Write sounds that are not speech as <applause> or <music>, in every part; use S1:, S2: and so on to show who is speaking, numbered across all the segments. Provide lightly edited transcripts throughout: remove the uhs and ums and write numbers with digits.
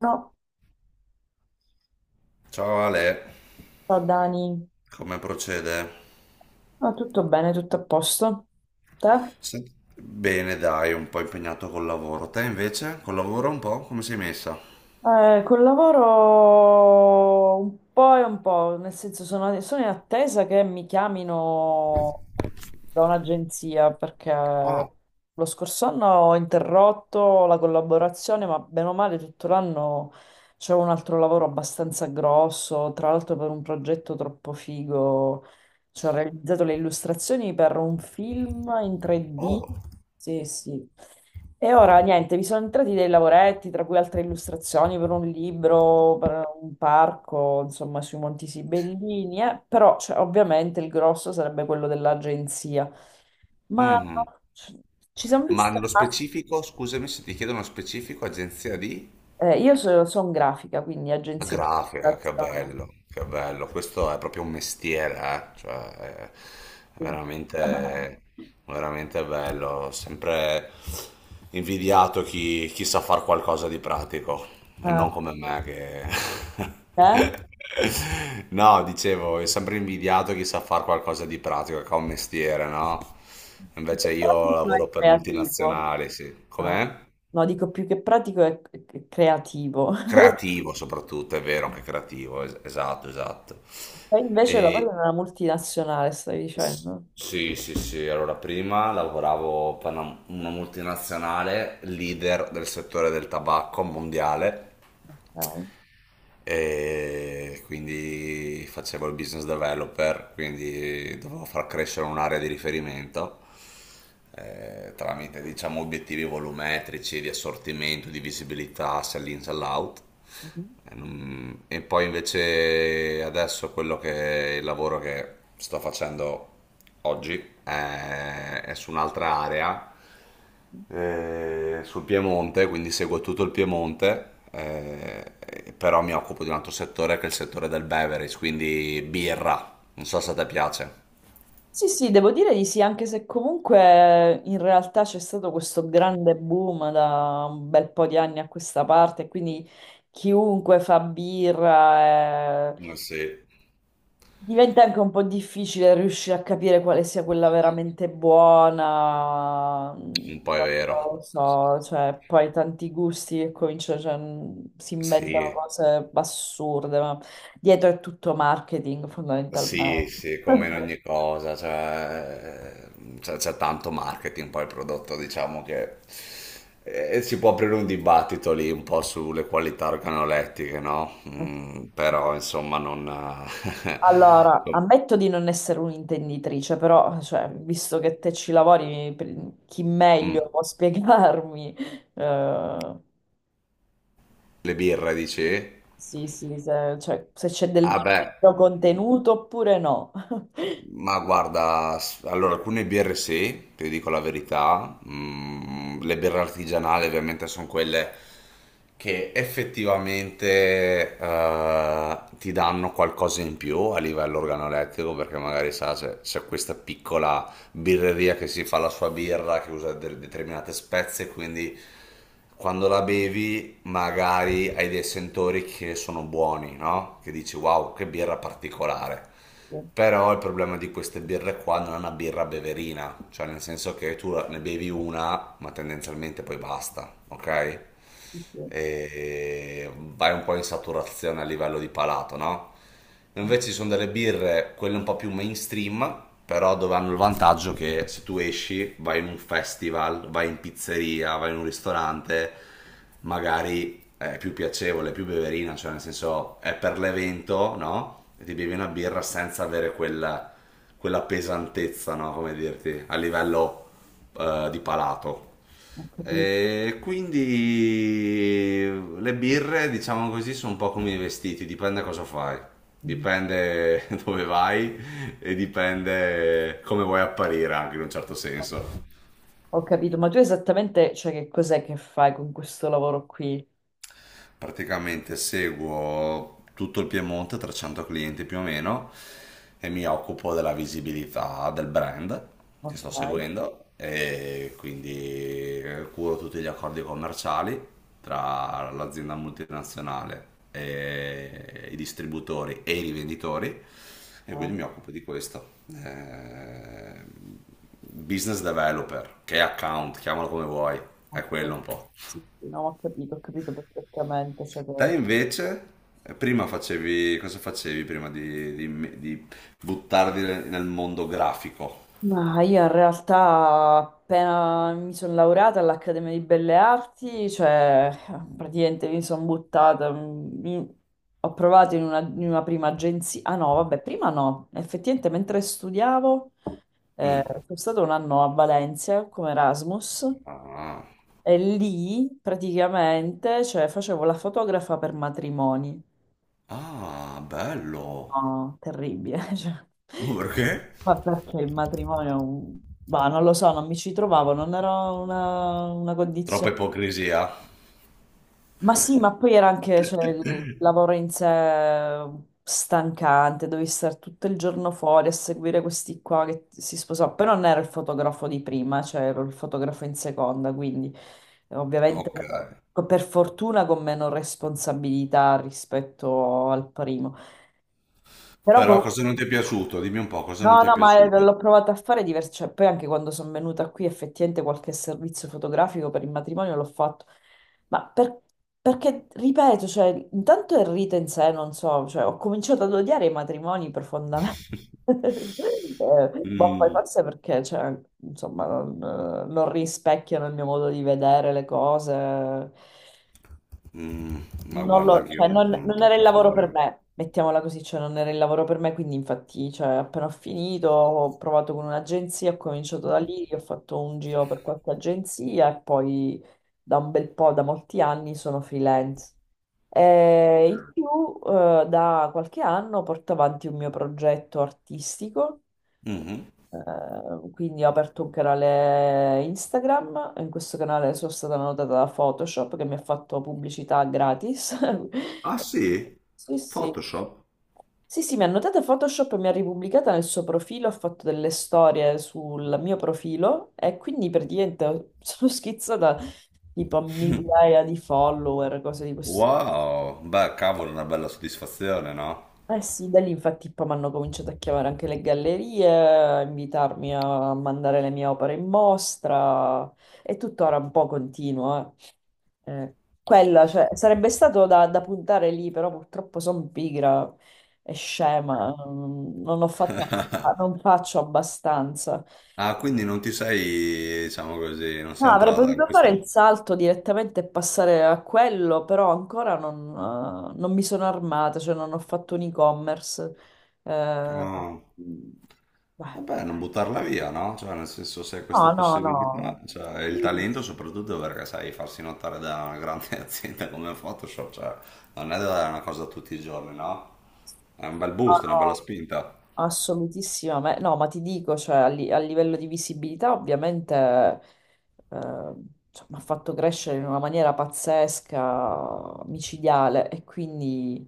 S1: No,
S2: Ciao Ale,
S1: ciao Dani.
S2: come procede?
S1: No, tutto bene, tutto a posto. Te?
S2: Bene, dai, un po' impegnato col lavoro. Te invece, col lavoro un po', come sei messa?
S1: Col lavoro un po' e un po', nel senso sono in attesa che mi chiamino da un'agenzia perché lo scorso anno ho interrotto la collaborazione, ma bene o male tutto l'anno c'è un altro lavoro abbastanza grosso, tra l'altro per un progetto troppo figo. Ci ho realizzato le illustrazioni per un film in 3D.
S2: Oh,
S1: Sì, sì. E ora niente, vi sono entrati dei lavoretti, tra cui altre illustrazioni per un libro, per un parco, insomma, sui Monti Sibellini. Però cioè, ovviamente il grosso sarebbe quello dell'agenzia. Ma
S2: mhm.
S1: ci ci siamo
S2: Ma
S1: visti.
S2: nello specifico, scusami se ti chiedo uno specifico, agenzia di?
S1: Io sono grafica, quindi
S2: La
S1: agenzia di
S2: grafica, che
S1: illustrazione.
S2: bello, che bello. Questo è proprio un mestiere, eh. Cioè, è
S1: Sì.
S2: veramente,
S1: <laughs>
S2: veramente bello. Ho sempre invidiato chi sa far qualcosa di pratico, e
S1: Ah,
S2: non come me che...
S1: eh?
S2: <laughs> No, dicevo, è sempre invidiato chi sa far qualcosa di pratico, che ha un mestiere, no?
S1: Il tuo
S2: Invece io
S1: progetto è
S2: lavoro per
S1: creativo.
S2: multinazionali, sì.
S1: Ah,
S2: Com'è?
S1: no, dico più che pratico è creativo. <laughs>
S2: Creativo soprattutto, è vero, anche creativo, esatto, esatto.
S1: E invece lavori
S2: E,
S1: in una multinazionale, stai
S2: s-
S1: dicendo?
S2: sì, sì, sì, allora prima lavoravo per una multinazionale, leader del settore del tabacco mondiale,
S1: Ok.
S2: e quindi facevo il business developer, quindi dovevo far crescere un'area di riferimento tramite diciamo obiettivi volumetrici di assortimento, di visibilità, sell-in, sell-out.
S1: Mhm.
S2: E non- E poi invece adesso quello che il lavoro che sto facendo oggi è su un'altra area sul Piemonte, quindi seguo tutto il Piemonte, però mi occupo di un altro settore che è il settore del beverage, quindi birra. Non so se a te piace.
S1: Sì, sì, devo dire di sì, anche se comunque in realtà c'è stato questo grande boom da un bel po' di anni a questa parte, quindi chiunque fa birra,
S2: Eh sì,
S1: Diventa anche un po' difficile riuscire a capire quale sia quella veramente buona,
S2: un
S1: non
S2: po' è vero.
S1: lo so, cioè poi tanti gusti che cominciano, cioè, si inventano
S2: Sì,
S1: cose assurde, ma dietro è tutto marketing
S2: sì,
S1: fondamentalmente.
S2: sì, come in ogni cosa, cioè, c'è tanto marketing, poi il prodotto, diciamo che si può aprire un dibattito lì un po' sulle qualità organolettiche, no? Mm,
S1: <laughs>
S2: però insomma non...
S1: Allora,
S2: <laughs>
S1: ammetto di non essere un'intenditrice, però cioè, visto che te ci lavori, chi meglio
S2: Mm.
S1: può spiegarmi? eh,
S2: Le birre, dici?
S1: Sì, sì, se, cioè, se c'è
S2: Ah
S1: del
S2: beh,
S1: vero contenuto oppure no. <laughs>
S2: ma guarda, allora alcune birre sì, ti dico la verità. Mm, le birre artigianali ovviamente sono quelle che effettivamente ti danno qualcosa in più a livello organolettico, perché magari sa, se c'è questa piccola birreria che si fa la sua birra, che usa determinate spezie, quindi quando la bevi magari hai dei sentori che sono buoni, no? Che dici wow, che birra particolare.
S1: Sì,
S2: Però il problema di queste birre qua, non è una birra beverina, cioè nel senso che tu ne bevi una, ma tendenzialmente poi basta, ok?
S1: sì, sì.
S2: E vai un po' in saturazione a livello di palato, no? Invece ci sono delle birre, quelle un po' più mainstream, però dove hanno il vantaggio che se tu esci, vai in un festival, vai in pizzeria, vai in un ristorante, magari è più piacevole, più beverina, cioè nel senso è per l'evento, no? E ti bevi una birra senza avere quella, quella pesantezza, no? Come dirti, a livello di palato.
S1: Ho capito.
S2: E quindi le birre, diciamo così, sono un po' come i vestiti, dipende cosa fai,
S1: Mhm.
S2: dipende <laughs> dove vai e dipende come vuoi apparire anche in un certo senso.
S1: Ho capito, ma tu esattamente, cioè, che cos'è che fai con questo lavoro qui?
S2: Praticamente seguo tutto il Piemonte, 300 clienti più o meno, e mi occupo della visibilità del brand che sto
S1: Ok,
S2: seguendo e quindi curo tutti gli accordi commerciali tra l'azienda multinazionale e i distributori e i rivenditori, e quindi
S1: ok.
S2: mi occupo di questo. Business developer, che account, chiamalo come vuoi, è
S1: Ok,
S2: quello un po'.
S1: sì, sì, no, ho capito perfettamente, cioè, che
S2: Te invece, prima facevi, cosa facevi prima di, di buttarti nel mondo grafico?
S1: ma io in realtà appena mi sono laureata all'Accademia di Belle Arti, cioè praticamente mi sono buttata, ho provato in una prima agenzia, ah no, vabbè, prima no, effettivamente mentre studiavo
S2: Mm.
S1: sono stato un anno a Valencia come Erasmus
S2: Ah.
S1: e lì praticamente cioè, facevo la fotografa per matrimoni.
S2: Ah, bello.
S1: No, terribile, <laughs> cioè.
S2: Ma perché?
S1: Ma perché il matrimonio, è bah, non lo so, non mi ci trovavo, non era una condizione.
S2: Troppa ipocrisia.
S1: Ma sì, ma poi era anche, cioè, il lavoro in sé stancante, dovevi stare tutto il giorno fuori a seguire questi qua che si sposò. Però non ero il fotografo di prima, cioè ero il fotografo in seconda, quindi ovviamente
S2: Ok.
S1: però, per fortuna con meno responsabilità rispetto al primo. Però
S2: Però
S1: comunque.
S2: cosa non ti è piaciuto? Dimmi un po', cosa non
S1: No,
S2: ti è
S1: no, ma
S2: piaciuto?
S1: l'ho provato a fare diverso, cioè, poi anche quando sono venuta qui effettivamente qualche servizio fotografico per il matrimonio l'ho fatto, ma per- perché, ripeto, cioè, intanto il rito in sé, non so, cioè, ho cominciato ad odiare i matrimoni profondamente. <laughs>
S2: <laughs>
S1: Boh, poi
S2: Mm.
S1: forse perché, cioè, insomma, non, non rispecchiano il mio modo di vedere le cose,
S2: Mm. Ma
S1: non
S2: guarda,
S1: lo-
S2: anche io
S1: cioè,
S2: non sono
S1: non era il
S2: troppo
S1: lavoro per
S2: favorevole.
S1: me, mettiamola così, cioè non era il lavoro per me, quindi infatti, cioè, appena ho finito, ho provato con un'agenzia, ho cominciato da lì, ho fatto un giro per qualche agenzia e poi da un bel po', da molti anni, sono freelance. E in più, da qualche anno porto avanti un mio progetto artistico
S2: Mhm.
S1: quindi ho aperto un canale Instagram, in questo canale sono stata notata da Photoshop che mi ha fatto pubblicità gratis.
S2: Ah
S1: <laughs>
S2: sì?
S1: Sì, sì.
S2: Photoshop?
S1: Sì, sì, mi ha notata Photoshop e mi ha ripubblicata nel suo profilo, ha fatto delle storie sul mio profilo e quindi praticamente <laughs> sono schizzata tipo a migliaia di follower, cose di questo.
S2: Wow, beh, cavolo, una bella soddisfazione, no?
S1: Eh sì, da lì infatti poi mi hanno cominciato a chiamare anche le gallerie, a invitarmi a mandare le mie opere in mostra e tuttora un po' continuo. eh. Eh, quella, cioè, sarebbe stato da puntare lì, però purtroppo sono pigra e scema, non ho fatto, non faccio abbastanza.
S2: Ah, quindi non ti sei, diciamo così, non sei
S1: No, avrei
S2: entrata
S1: potuto
S2: in
S1: fare il
S2: questo...
S1: salto direttamente e passare a quello, però ancora non, non mi sono armata, cioè non ho fatto un e-commerce. Eh,
S2: Ah,
S1: mm, beh,
S2: vabbè, non buttarla via, no? Cioè, nel senso, se hai questa
S1: no, no, no.
S2: possibilità, cioè, e il
S1: Sì, sì, sì.
S2: talento soprattutto perché sai farsi notare da una grande <laughs> azienda come Photoshop, cioè, non è una cosa tutti i giorni, no? È un bel
S1: No,
S2: boost, una bella
S1: no.
S2: spinta.
S1: Assolutissima, no, ma ti dico, cioè, a livello di visibilità ovviamente cioè, mi ha fatto crescere in una maniera pazzesca, micidiale e quindi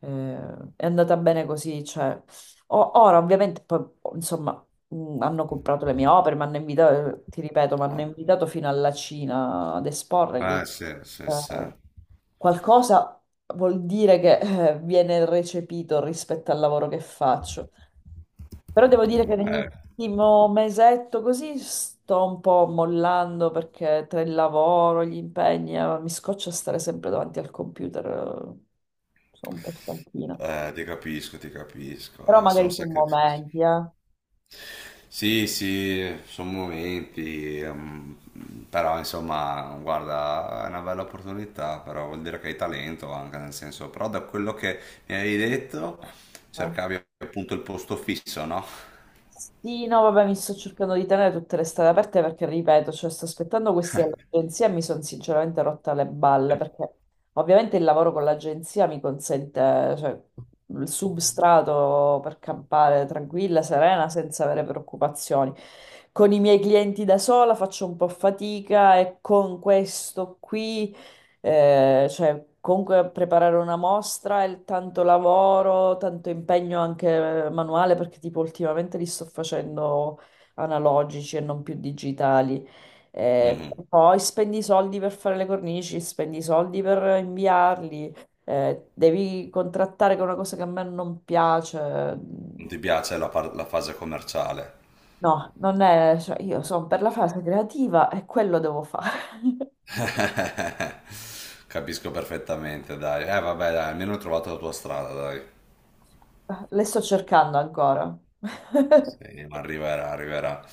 S1: è andata bene così. Cioè. Ora ovviamente, poi, insomma, hanno comprato le mie opere, mi hanno invitato, ti ripeto, mi hanno
S2: Ah,
S1: invitato fino alla Cina ad esporre,
S2: eh,
S1: quindi
S2: sì, sì, sì.
S1: eh, qualcosa vuol dire che viene recepito rispetto al lavoro che faccio. Però devo dire che
S2: Beh,
S1: nell'ultimo mesetto così sto un po' mollando perché tra il lavoro, gli impegni, mi scoccia stare sempre davanti al computer. Sono un po' stanchina.
S2: ti capisco,
S1: Però
S2: sono
S1: magari su
S2: sacrifici.
S1: momenti, eh.
S2: Sì, sì, sono momenti, però insomma, guarda, è una bella opportunità, però vuol dire che hai talento anche, nel senso, però da quello che mi avevi detto,
S1: Eh.
S2: cercavi appunto il posto fisso, no?
S1: Sì, no, vabbè, mi sto cercando di tenere tutte le strade aperte perché, ripeto, cioè, sto aspettando queste agenzie e mi sono sinceramente rotta le balle perché ovviamente il lavoro con l'agenzia mi consente, cioè, il substrato per campare tranquilla, serena, senza avere preoccupazioni. Con i miei clienti da sola faccio un po' fatica e con questo qui... cioè, comunque preparare una mostra è tanto lavoro, tanto impegno anche manuale, perché tipo ultimamente li sto facendo analogici e non più digitali.
S2: Mhm.
S1: Poi spendi i soldi per fare le cornici, spendi i soldi per inviarli, devi contrattare con una cosa che a me non piace.
S2: Non ti piace la, la fase commerciale?
S1: No, non è, cioè, io sono per la fase creativa e quello devo fare.
S2: <laughs> Capisco perfettamente, dai. Vabbè, dai, almeno hai trovato la tua strada, dai.
S1: <laughs> Le sto cercando ancora. <laughs>
S2: Sì, ma arriverà, arriverà.